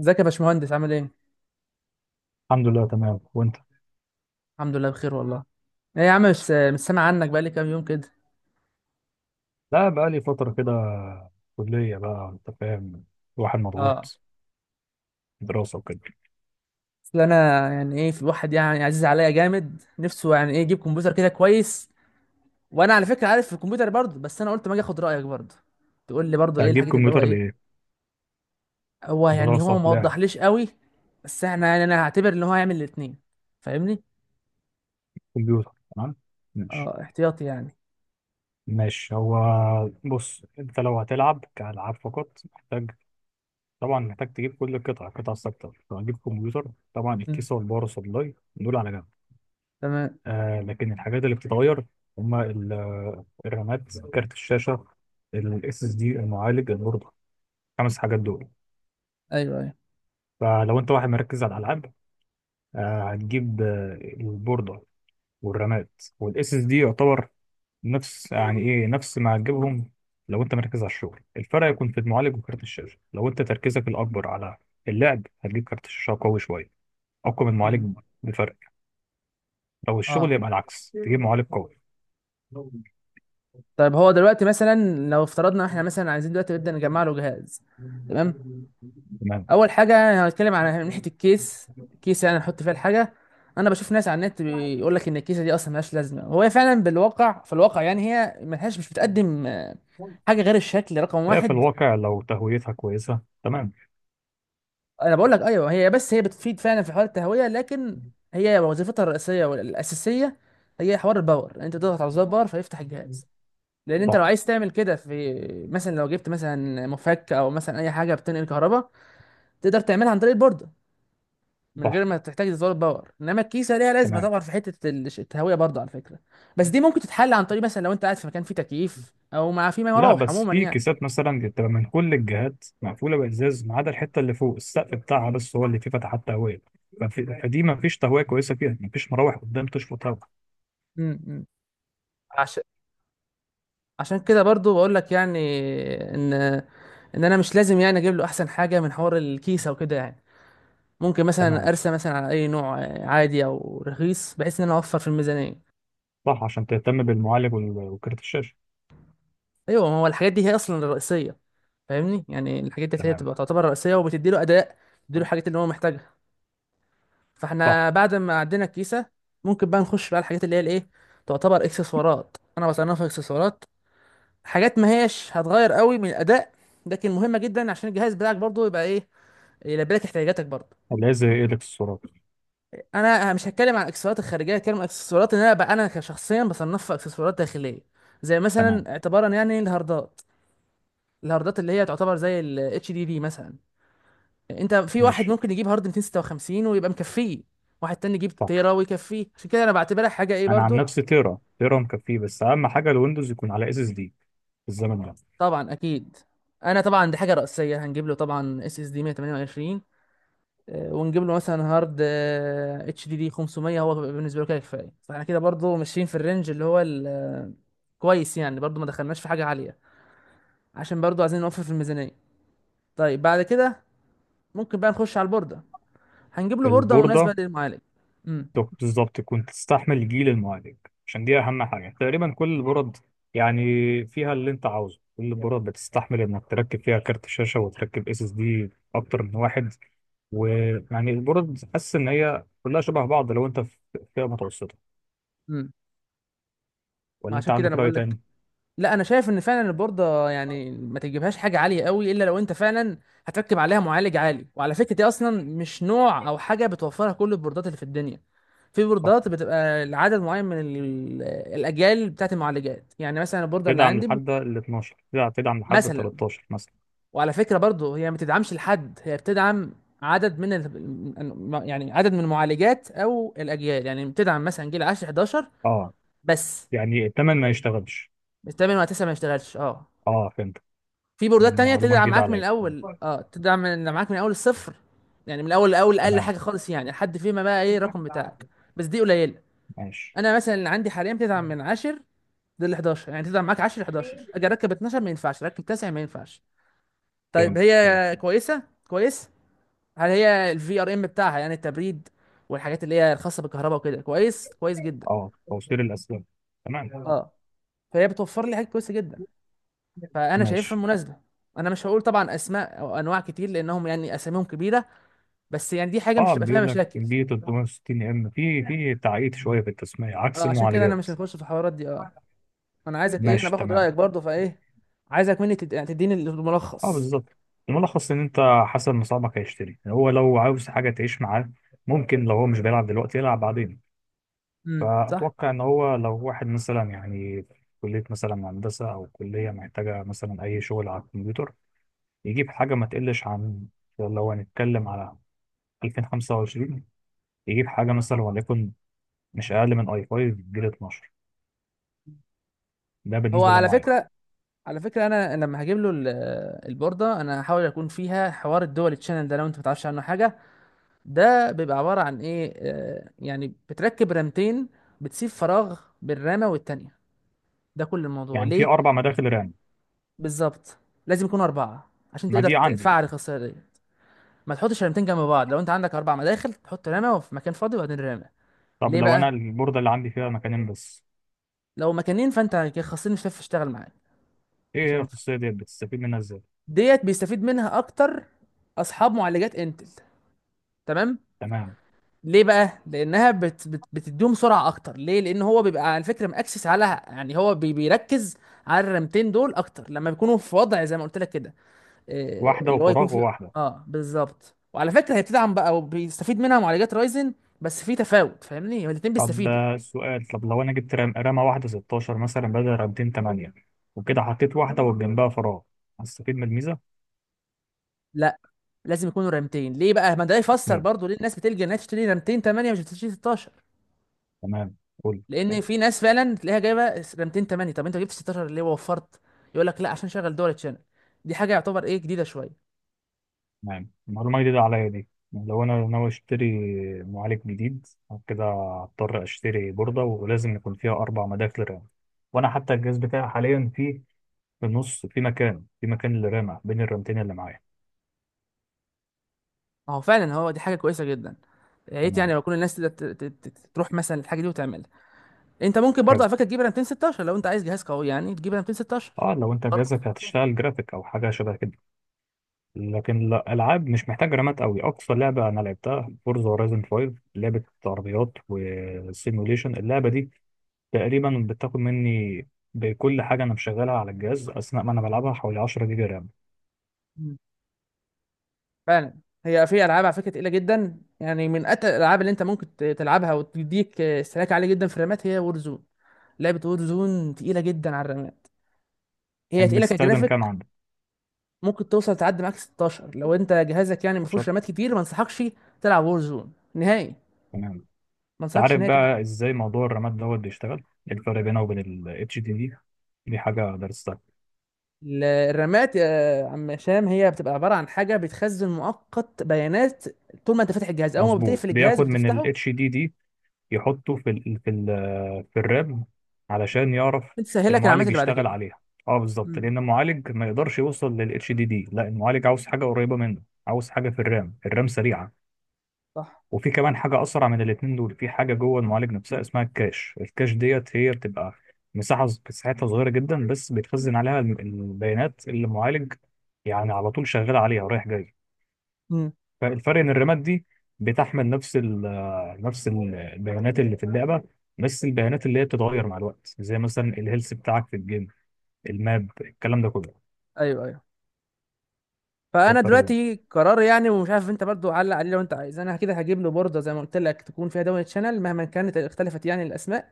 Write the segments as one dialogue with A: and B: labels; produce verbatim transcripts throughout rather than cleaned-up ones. A: ازيك يا باشمهندس عامل ايه؟
B: الحمد لله تمام وانت.
A: الحمد لله بخير والله. ايه يا عم مش مش سامع عنك بقالي كام يوم كده.
B: لا، بقى لي فتره كده. كليه، بقى انت فاهم، الواحد
A: اه،
B: مضغوط، دراسه وكده.
A: اصل انا يعني ايه في الواحد يعني عزيز عليا جامد نفسه يعني ايه يجيب كمبيوتر كده كويس. وانا على فكره عارف في الكمبيوتر برضه، بس انا قلت ما اجي اخد رايك برضه، تقول لي برضه ايه
B: هجيب
A: الحاجات اللي هو
B: كمبيوتر
A: ايه.
B: لايه؟
A: هو يعني هو
B: دراسه،
A: ما
B: لعب.
A: وضحليش قوي. بس احنا يعني انا هعتبر ان هو هيعمل الاثنين. فاهمني؟
B: كمبيوتر، تمام. ماشي.
A: اه، احتياطي يعني.
B: ماشي هو. بص، انت لو هتلعب كالعاب فقط محتاج، طبعا محتاج تجيب كل القطع، القطع الثابته، لو هتجيب كمبيوتر. طبعا
A: مم.
B: الكيسه والباور سبلاي دول على جنب.
A: تمام.
B: آه، لكن الحاجات اللي بتتغير هما ال- الرامات، كارت الشاشه، الاس اس دي، المعالج، البورده. خمس حاجات دول.
A: ايوه ايوه.
B: فلو انت واحد مركز على الالعاب، آه، هتجيب آه، البورده والرامات والاس اس دي يعتبر نفس، يعني ايه، نفس ما هتجيبهم. لو انت مركز على الشغل، الفرق يكون في المعالج وكارت الشاشه. لو انت تركيزك الاكبر على اللعب، هتجيب كارت شاشه قوي شويه، اقوى من
A: مم.
B: المعالج بفرق. لو الشغل
A: اه.
B: يبقى العكس، تجيب معالج قوي.
A: طيب هو دلوقتي مثلا لو افترضنا احنا مثلا عايزين دلوقتي نبدا نجمع له جهاز. تمام.
B: تمام.
A: اول حاجه يعني هنتكلم على من ناحيه الكيس، كيس يعني نحط فيها الحاجه. انا بشوف ناس على النت بيقول لك ان الكيسه دي اصلا ملهاش لازمه، وهي فعلا بالواقع في الواقع يعني هي ملهاش مش بتقدم آه، حاجه غير الشكل رقم
B: هي في
A: واحد.
B: الواقع لو تهويتها كويسه، تمام.
A: انا بقول لك ايوه هي، بس هي بتفيد فعلا في حوار التهويه، لكن هي وظيفتها الرئيسيه والاساسيه هي حوار الباور، يعني انت تضغط على زرار باور فيفتح الجهاز. لان انت لو
B: صح.
A: عايز تعمل كده، في مثلا لو جبت مثلا مفك او مثلا اي حاجه بتنقل كهرباء، تقدر تعملها عن طريق البورده من
B: صح،
A: غير ما تحتاج تزود باور. انما الكيسه ليها لازمه
B: تمام.
A: طبعا في حته ال- التهويه برضه على فكره. بس دي ممكن تتحل عن طريق مثلا لو انت قاعد في مكان فيه تكييف او مع فيه
B: لا،
A: مراوح
B: بس
A: عموما
B: في
A: يعني.
B: كيسات مثلا بتبقى من كل الجهات مقفوله بازاز ما عدا الحته اللي فوق السقف بتاعها، بس هو اللي فيه فتحات تهويه. ففي- فدي ما فيش تهويه كويسه فيها، ما فيش مراوح قدام تشفط هوا.
A: امم، عشان عشان كده برضو بقول لك يعني ان ان انا مش لازم يعني اجيب له احسن حاجه من حوار الكيسه وكده يعني. ممكن مثلا
B: تمام.
A: ارسى مثلا على اي نوع عادي او رخيص، بحيث ان انا اوفر في الميزانيه.
B: صح، عشان تهتم بالمعالج وال- وكارت الشاشه.
A: ايوه، ما هو الحاجات دي هي اصلا الرئيسيه. فاهمني، يعني الحاجات دي هي
B: تمام.
A: بتبقى تعتبر رئيسيه، وبتدي له اداء، بتدي له الحاجات اللي هو محتاجها.
B: صح.
A: فاحنا بعد ما عدينا الكيسه ممكن بقى نخش بقى على الحاجات اللي هي الايه، تعتبر اكسسوارات، انا بصنفها اكسسوارات. حاجات ما هيش هتغير قوي من الاداء، لكن مهمه جدا عشان الجهاز بتاعك برضه يبقى ايه، يلبي لك احتياجاتك برضه.
B: اللي هي زي إيدكس الصورات.
A: انا مش هتكلم عن الاكسسوارات الخارجيه، هتكلم عن الاكسسوارات اللي انا بقى انا كشخصيا بصنفها اكسسوارات داخليه. زي
B: تمام.
A: مثلا اعتبارا يعني الهاردات، الهاردات اللي هي تعتبر زي ال اتش دي دي مثلا. انت في واحد
B: ماشي.
A: ممكن يجيب هارد مئتين وستة وخمسين ويبقى مكفيه، واحد تاني يجيب
B: صح،
A: تيرا ويكفيه. عشان كده انا بعتبرها حاجه ايه
B: انا عن
A: برضو.
B: نفسي تيرا، تيرا مكفيه، بس اهم حاجه الويندوز يكون على اس اس دي في الزمن ده.
A: طبعا اكيد، انا طبعا دي حاجه رئيسيه، هنجيب له طبعا اس اس دي مية وتمنية وعشرين آه، ونجيب له مثلا هارد آه، اتش دي دي خمسميه، هو بيبقى بالنسبه له كده كفايه. فاحنا كده برضو ماشيين في الرينج اللي هو الكويس يعني، برضو ما دخلناش في حاجه عاليه، عشان برضو عايزين نوفر في الميزانيه. طيب بعد كده ممكن بقى نخش على البورده. هنجيب له بورده
B: البورده
A: مناسبه للمعالج. امم.
B: دك- بالظبط كنت تستحمل جيل المعالج، عشان دي اهم حاجه تقريبا. كل البرد يعني فيها اللي انت عاوزه، كل البرد بتستحمل انك تركب فيها كارت شاشه وتركب اس اس دي اكتر من واحد. ويعني البرد حاسس ان هي كلها شبه بعض لو انت في فئه متوسطه،
A: امم،
B: ولا انت
A: عشان كده
B: عندك
A: انا
B: راي
A: بقول لك،
B: تاني؟
A: لا انا شايف ان فعلا البورده يعني ما تجيبهاش حاجه عاليه قوي الا لو انت فعلا هتركب عليها معالج عالي. وعلى فكره دي اصلا مش نوع او حاجه بتوفرها كل البوردات اللي في الدنيا. في
B: صح،
A: بوردات بتبقى لعدد معين من ال- الاجيال بتاعت المعالجات، يعني مثلا البورده اللي
B: تدعم
A: عندي
B: لحد ال اثنا عشر، تدعم تدعم لحد ال
A: مثلا،
B: تلتاشر مثلا.
A: وعلى فكره برضو هي ما تدعمش لحد، هي بتدعم عدد من ال... يعني عدد من المعالجات او الاجيال، يعني بتدعم مثلا جيل عشرة حداشر
B: اه.
A: بس،
B: يعني الثمن ما يشتغلش.
A: الثامن وتسعة ما يشتغلش. اه،
B: اه، فهمت.
A: في بوردات تانية
B: معلومه
A: تدعم
B: جديده
A: معاك من
B: عليا.
A: الأول، اه، تدعم من معاك من أول الصفر، يعني من الأول لأول أقل
B: تمام.
A: حاجة خالص يعني لحد فيما بقى إيه الرقم بتاعك. بس دي قليلة.
B: ماشي.
A: أنا مثلا اللي عندي حاليا بتدعم من عشرة لل حداشر، يعني تدعم معاك عشرة حداشر، أجي أركب اتناشر ما ينفعش، أركب تسعة ما ينفعش. طيب
B: فهمت.
A: هي كويسة كويس، هل هي الفي ار ام بتاعها يعني التبريد والحاجات اللي هي الخاصة بالكهرباء وكده؟ كويس كويس جدا،
B: اه، توصيل الاسلاك. تمام.
A: اه. فهي بتوفر لي حاجات كويسة جدا، فأنا شايفها
B: ماشي.
A: مناسبة. أنا مش هقول طبعا أسماء أو أنواع كتير لأنهم يعني أساميهم كبيرة، بس يعني دي حاجه مش
B: اه،
A: هتبقى فيها
B: بيقول لك
A: مشاكل.
B: بي تلتمية وستين ام، في في تعقيد شويه في التسميه عكس
A: اه، عشان كده انا
B: المعالجات.
A: مش هنخش في الحوارات دي. اه، انا عايزك ايه، انا
B: ماشي،
A: باخد
B: تمام.
A: رايك برضه فايه. عايزك مني تد... يعني تديني
B: اه،
A: الملخص.
B: بالظبط. الملخص ان انت حسب مصابك هيشتري. هو لو عاوز حاجه تعيش معاه، ممكن لو هو مش بيلعب دلوقتي يلعب بعدين.
A: امم، صح.
B: فاتوقع ان هو لو واحد مثلا، يعني في كليه مثلا هندسه او كليه محتاجه مثلا اي شغل على الكمبيوتر، يجيب حاجه ما تقلش عن، لو هنتكلم على ألفين وخمسة وعشرين، يجيب حاجه مثلا وليكن مش اقل من اي خمسة جيل اتناشر. ده
A: هو
B: بالنسبه
A: على
B: للمعالج.
A: فكره، على فكره انا لما هجيب له ال- البورده انا هحاول اكون فيها حوار الدول تشانل، ده لو انت ما تعرفش عنه حاجه. ده بيبقى عباره عن ايه آه، يعني بتركب رامتين، بتسيب فراغ بين رامه والتانيه، ده كل الموضوع.
B: يعني في
A: ليه
B: اربع مداخل رام.
A: بالظبط؟ لازم يكونوا اربعه عشان
B: ما
A: تقدر
B: دي عندي.
A: تفعل الخاصيه دي. ما تحطش رمتين جنب بعض، لو انت عندك اربع مداخل تحط رمه وفي مكان فاضي وبعدين رمه.
B: طب
A: ليه
B: لو انا
A: بقى؟
B: البورده اللي عندي فيها مكانين بس؟
A: لو مكانين فانت الخاصين مش هتعرف تشتغل معاك،
B: ايه
A: مش
B: هي
A: هينفع.
B: الخصوصيه ديت بتستفيد منها ازاي؟
A: ديت بيستفيد منها اكتر اصحاب معالجات انتل، تمام.
B: تمام.
A: ليه بقى؟ لانها بت بت بتديهم سرعه اكتر. ليه؟ لان هو بيبقى على فكره مأكسس على، يعني هو بي بيركز على الرمتين دول اكتر لما بيكونوا في وضع زي ما قلت لك كده، إيه
B: واحده
A: اللي هو يكون
B: وفراغ
A: فيه.
B: وواحده.
A: اه بالظبط. وعلى فكره هي بتدعم بقى وبيستفيد منها معالجات رايزن، بس في تفاوت. فاهمني، هما الاتنين
B: طب
A: بيستفيدوا.
B: آه، سؤال، طب لو انا جبت رام رامه واحده ستاشر مثلا بدل رامتين ثمانية، وكده حطيت واحده وجنبها فراغ، هستفيد من الميزه؟
A: لا، لازم يكونوا رامتين. ليه بقى؟ ما ده يفسر
B: اتنين.
A: برضو ليه الناس بتلجأ انها تشتري رامتين ثمانية مش بتشتري ستاشر.
B: تمام. قول.
A: لان
B: حلو.
A: في ناس فعلا تلاقيها جايبه رامتين ثمانية، طب انت جبت ستاشر ليه ووفرت؟ يقول لك لا، عشان شغل دول تشانل. دي حاجه يعتبر ايه، جديده شويه.
B: تمام، معلومة جديدة عليا دي. لو أنا ناوي أشتري معالج جديد كده، هضطر أشتري بوردة ولازم يكون فيها أربع مداخل رام. وأنا حتى الجهاز بتاعي حاليا فيه، في النص في مكان في مكان للرامة بين الرامتين اللي معايا.
A: ما هو فعلا هو دي حاجه كويسه جدا. يا ريت يعني
B: تمام.
A: لو كل الناس تقدر ت- ت- ت- تروح مثلا الحاجه دي وتعملها. انت ممكن برضه
B: حلو.
A: على فكره تجيب رامتين ستاشر لو انت عايز جهاز قوي، يعني تجيب رامتين ستاشر
B: اه، لو انت
A: برضه.
B: جهازك هتشتغل جرافيك او حاجه شبه كده. لكن لا، العاب مش محتاج رامات قوي. اقصى لعبه انا لعبتها فورزا هورايزن خمسة، لعبه عربيات وسيموليشن، اللعبه دي تقريبا بتاخد مني، بكل حاجة أنا مشغلها على الجهاز أثناء ما أنا بلعبها، حوالي عشرة جيجا رام.
A: فعلا هي في العاب على فكره تقيله جدا، يعني من اتقل الالعاب اللي انت ممكن ت- تلعبها وتديك استهلاك عالي جدا في الرامات، هي وورزون. لعبه وورزون تقيله جدا على الرامات، هي
B: يعني
A: تقيله
B: بتستخدم كام
A: كجرافيك.
B: عندك؟
A: ممكن توصل تعدي معاك ستاشر لو انت جهازك يعني ما فيهوش
B: عشرة.
A: رامات كتير. ما انصحكش تلعب وورزون نهائي،
B: تمام أنت.
A: ما انصحكش
B: عارف
A: نهائي تلعب.
B: بقى إزاي موضوع الرامات دوت بيشتغل؟ إيه الفرق بينه وبين ال HDD دي دي؟ دي حاجة درستها.
A: ال- الرامات يا عم هشام هي بتبقى عباره عن حاجه بتخزن مؤقت بيانات، طول ما انت فاتح الجهاز. اول ما
B: مظبوط،
A: بتقفل الجهاز
B: بياخد من ال
A: وبتفتحه،
B: H D D يحطه في ال في ال في الرام، علشان يعرف
A: بتسهلك العمليات
B: المعالج
A: اللي بعد
B: يشتغل
A: كده.
B: عليها. اه، بالظبط،
A: امم.
B: لأن المعالج ما يقدرش يوصل لل H D D. لا، المعالج عاوز حاجة قريبة منه، عاوز حاجة في الرام. الرام سريعة.
A: صح.
B: وفي كمان حاجة أسرع من الاتنين دول، في حاجة جوه المعالج نفسها اسمها الكاش. الكاش ديت هي بتبقى مساحة ز- مساحتها صغيرة جدا، بس بتخزن عليها الم- البيانات اللي المعالج يعني على طول شغال عليها ورايح جاي.
A: امم.
B: فالفرق إن الرامات دي بتحمل نفس ال نفس ال- البيانات اللي في اللعبة، بس البيانات اللي هي بتتغير مع الوقت، زي مثلا الهيلث بتاعك في الجيم، الماب، الكلام ده كله.
A: ايوه ايوه.
B: ده
A: فانا
B: الفرق.
A: دلوقتي قرار يعني، ومش عارف انت برضو علق عليه لو انت عايز. انا كده هجيب له بورده زي ما قلت لك تكون فيها دول شانل، مهما كانت اختلفت يعني الاسماء.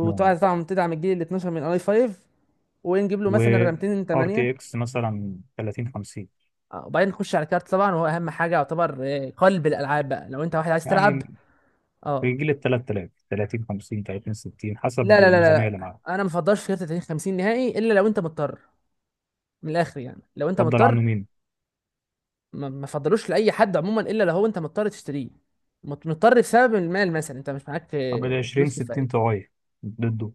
B: ده
A: طبعا تدعم الجيل ال اتناشر من اي خمسة. ونجيب له
B: و
A: مثلا رامتين
B: ار
A: ثمانية.
B: تي اكس مثلا تلاتين خمسين.
A: اه، وبعدين نخش على الكارت طبعا، وهو اهم حاجه يعتبر اه، قلب الالعاب بقى لو انت واحد عايز تلعب.
B: يعني في
A: اه.
B: جيل ال تلات آلاف، تلاتين خمسين، تلاتين ستين،
A: لا
B: حسب
A: لا لا
B: الميزانية اللي
A: لا،
B: معاه.
A: انا ما بفضلش كارت تلاتين خمسين نهائي الا لو انت مضطر. من الاخر يعني لو انت
B: اتفضل
A: مضطر،
B: عنه مين؟
A: ما ما فضلوش لاي حد عموما الا لو هو انت مضطر تشتريه. مت- مضطر بسبب المال، مثلا انت مش معاك
B: طب ال
A: اه،
B: عشرين
A: فلوس
B: ستين
A: كفايه.
B: طوعية ضده؟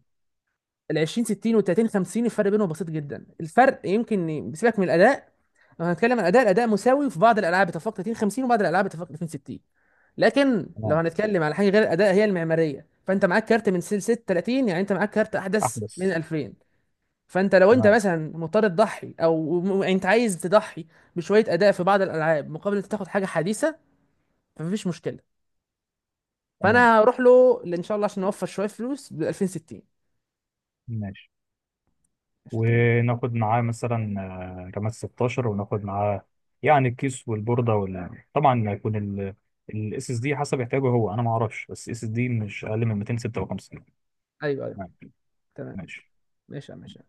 A: ال عشرين ستين وال تلاتين خمسين الفرق بينهم بسيط جدا. الفرق يمكن ي- بسيبك من الاداء. لو هنتكلم عن الاداء، الاداء مساوي في بعض الالعاب اتفاق تلاتين خمسين، وبعض الالعاب اتفاق تلاتين ستين. لكن لو
B: تمام.
A: هنتكلم على حاجه غير الاداء هي المعماريه، فانت معاك كارت من سلسله تلاتين، يعني انت معاك كارت احدث من
B: أحدث.
A: الألفين. فانت لو انت
B: تمام.
A: مثلا مضطر تضحي او م- يعني انت عايز تضحي بشويه اداء في بعض الالعاب مقابل انت تاخد حاجه حديثه، فمفيش مشكله.
B: تمام.
A: فانا هروح له ان شاء الله عشان اوفر شويه فلوس ب ألفين وستين.
B: ماشي.
A: ماشي، تمام.
B: وناخد معاه مثلا، آه، رامات ستاشر. وناخد معاه يعني الكيس والبوردة وال... طبعا هيكون ال الاس اس دي حسب احتياجه هو، انا ما اعرفش، بس اس اس دي مش اقل من مئتين وستة وخمسين.
A: ايوه ايوه
B: تمام.
A: تمام.
B: ماشي.
A: ماشي يا عم، ماشي.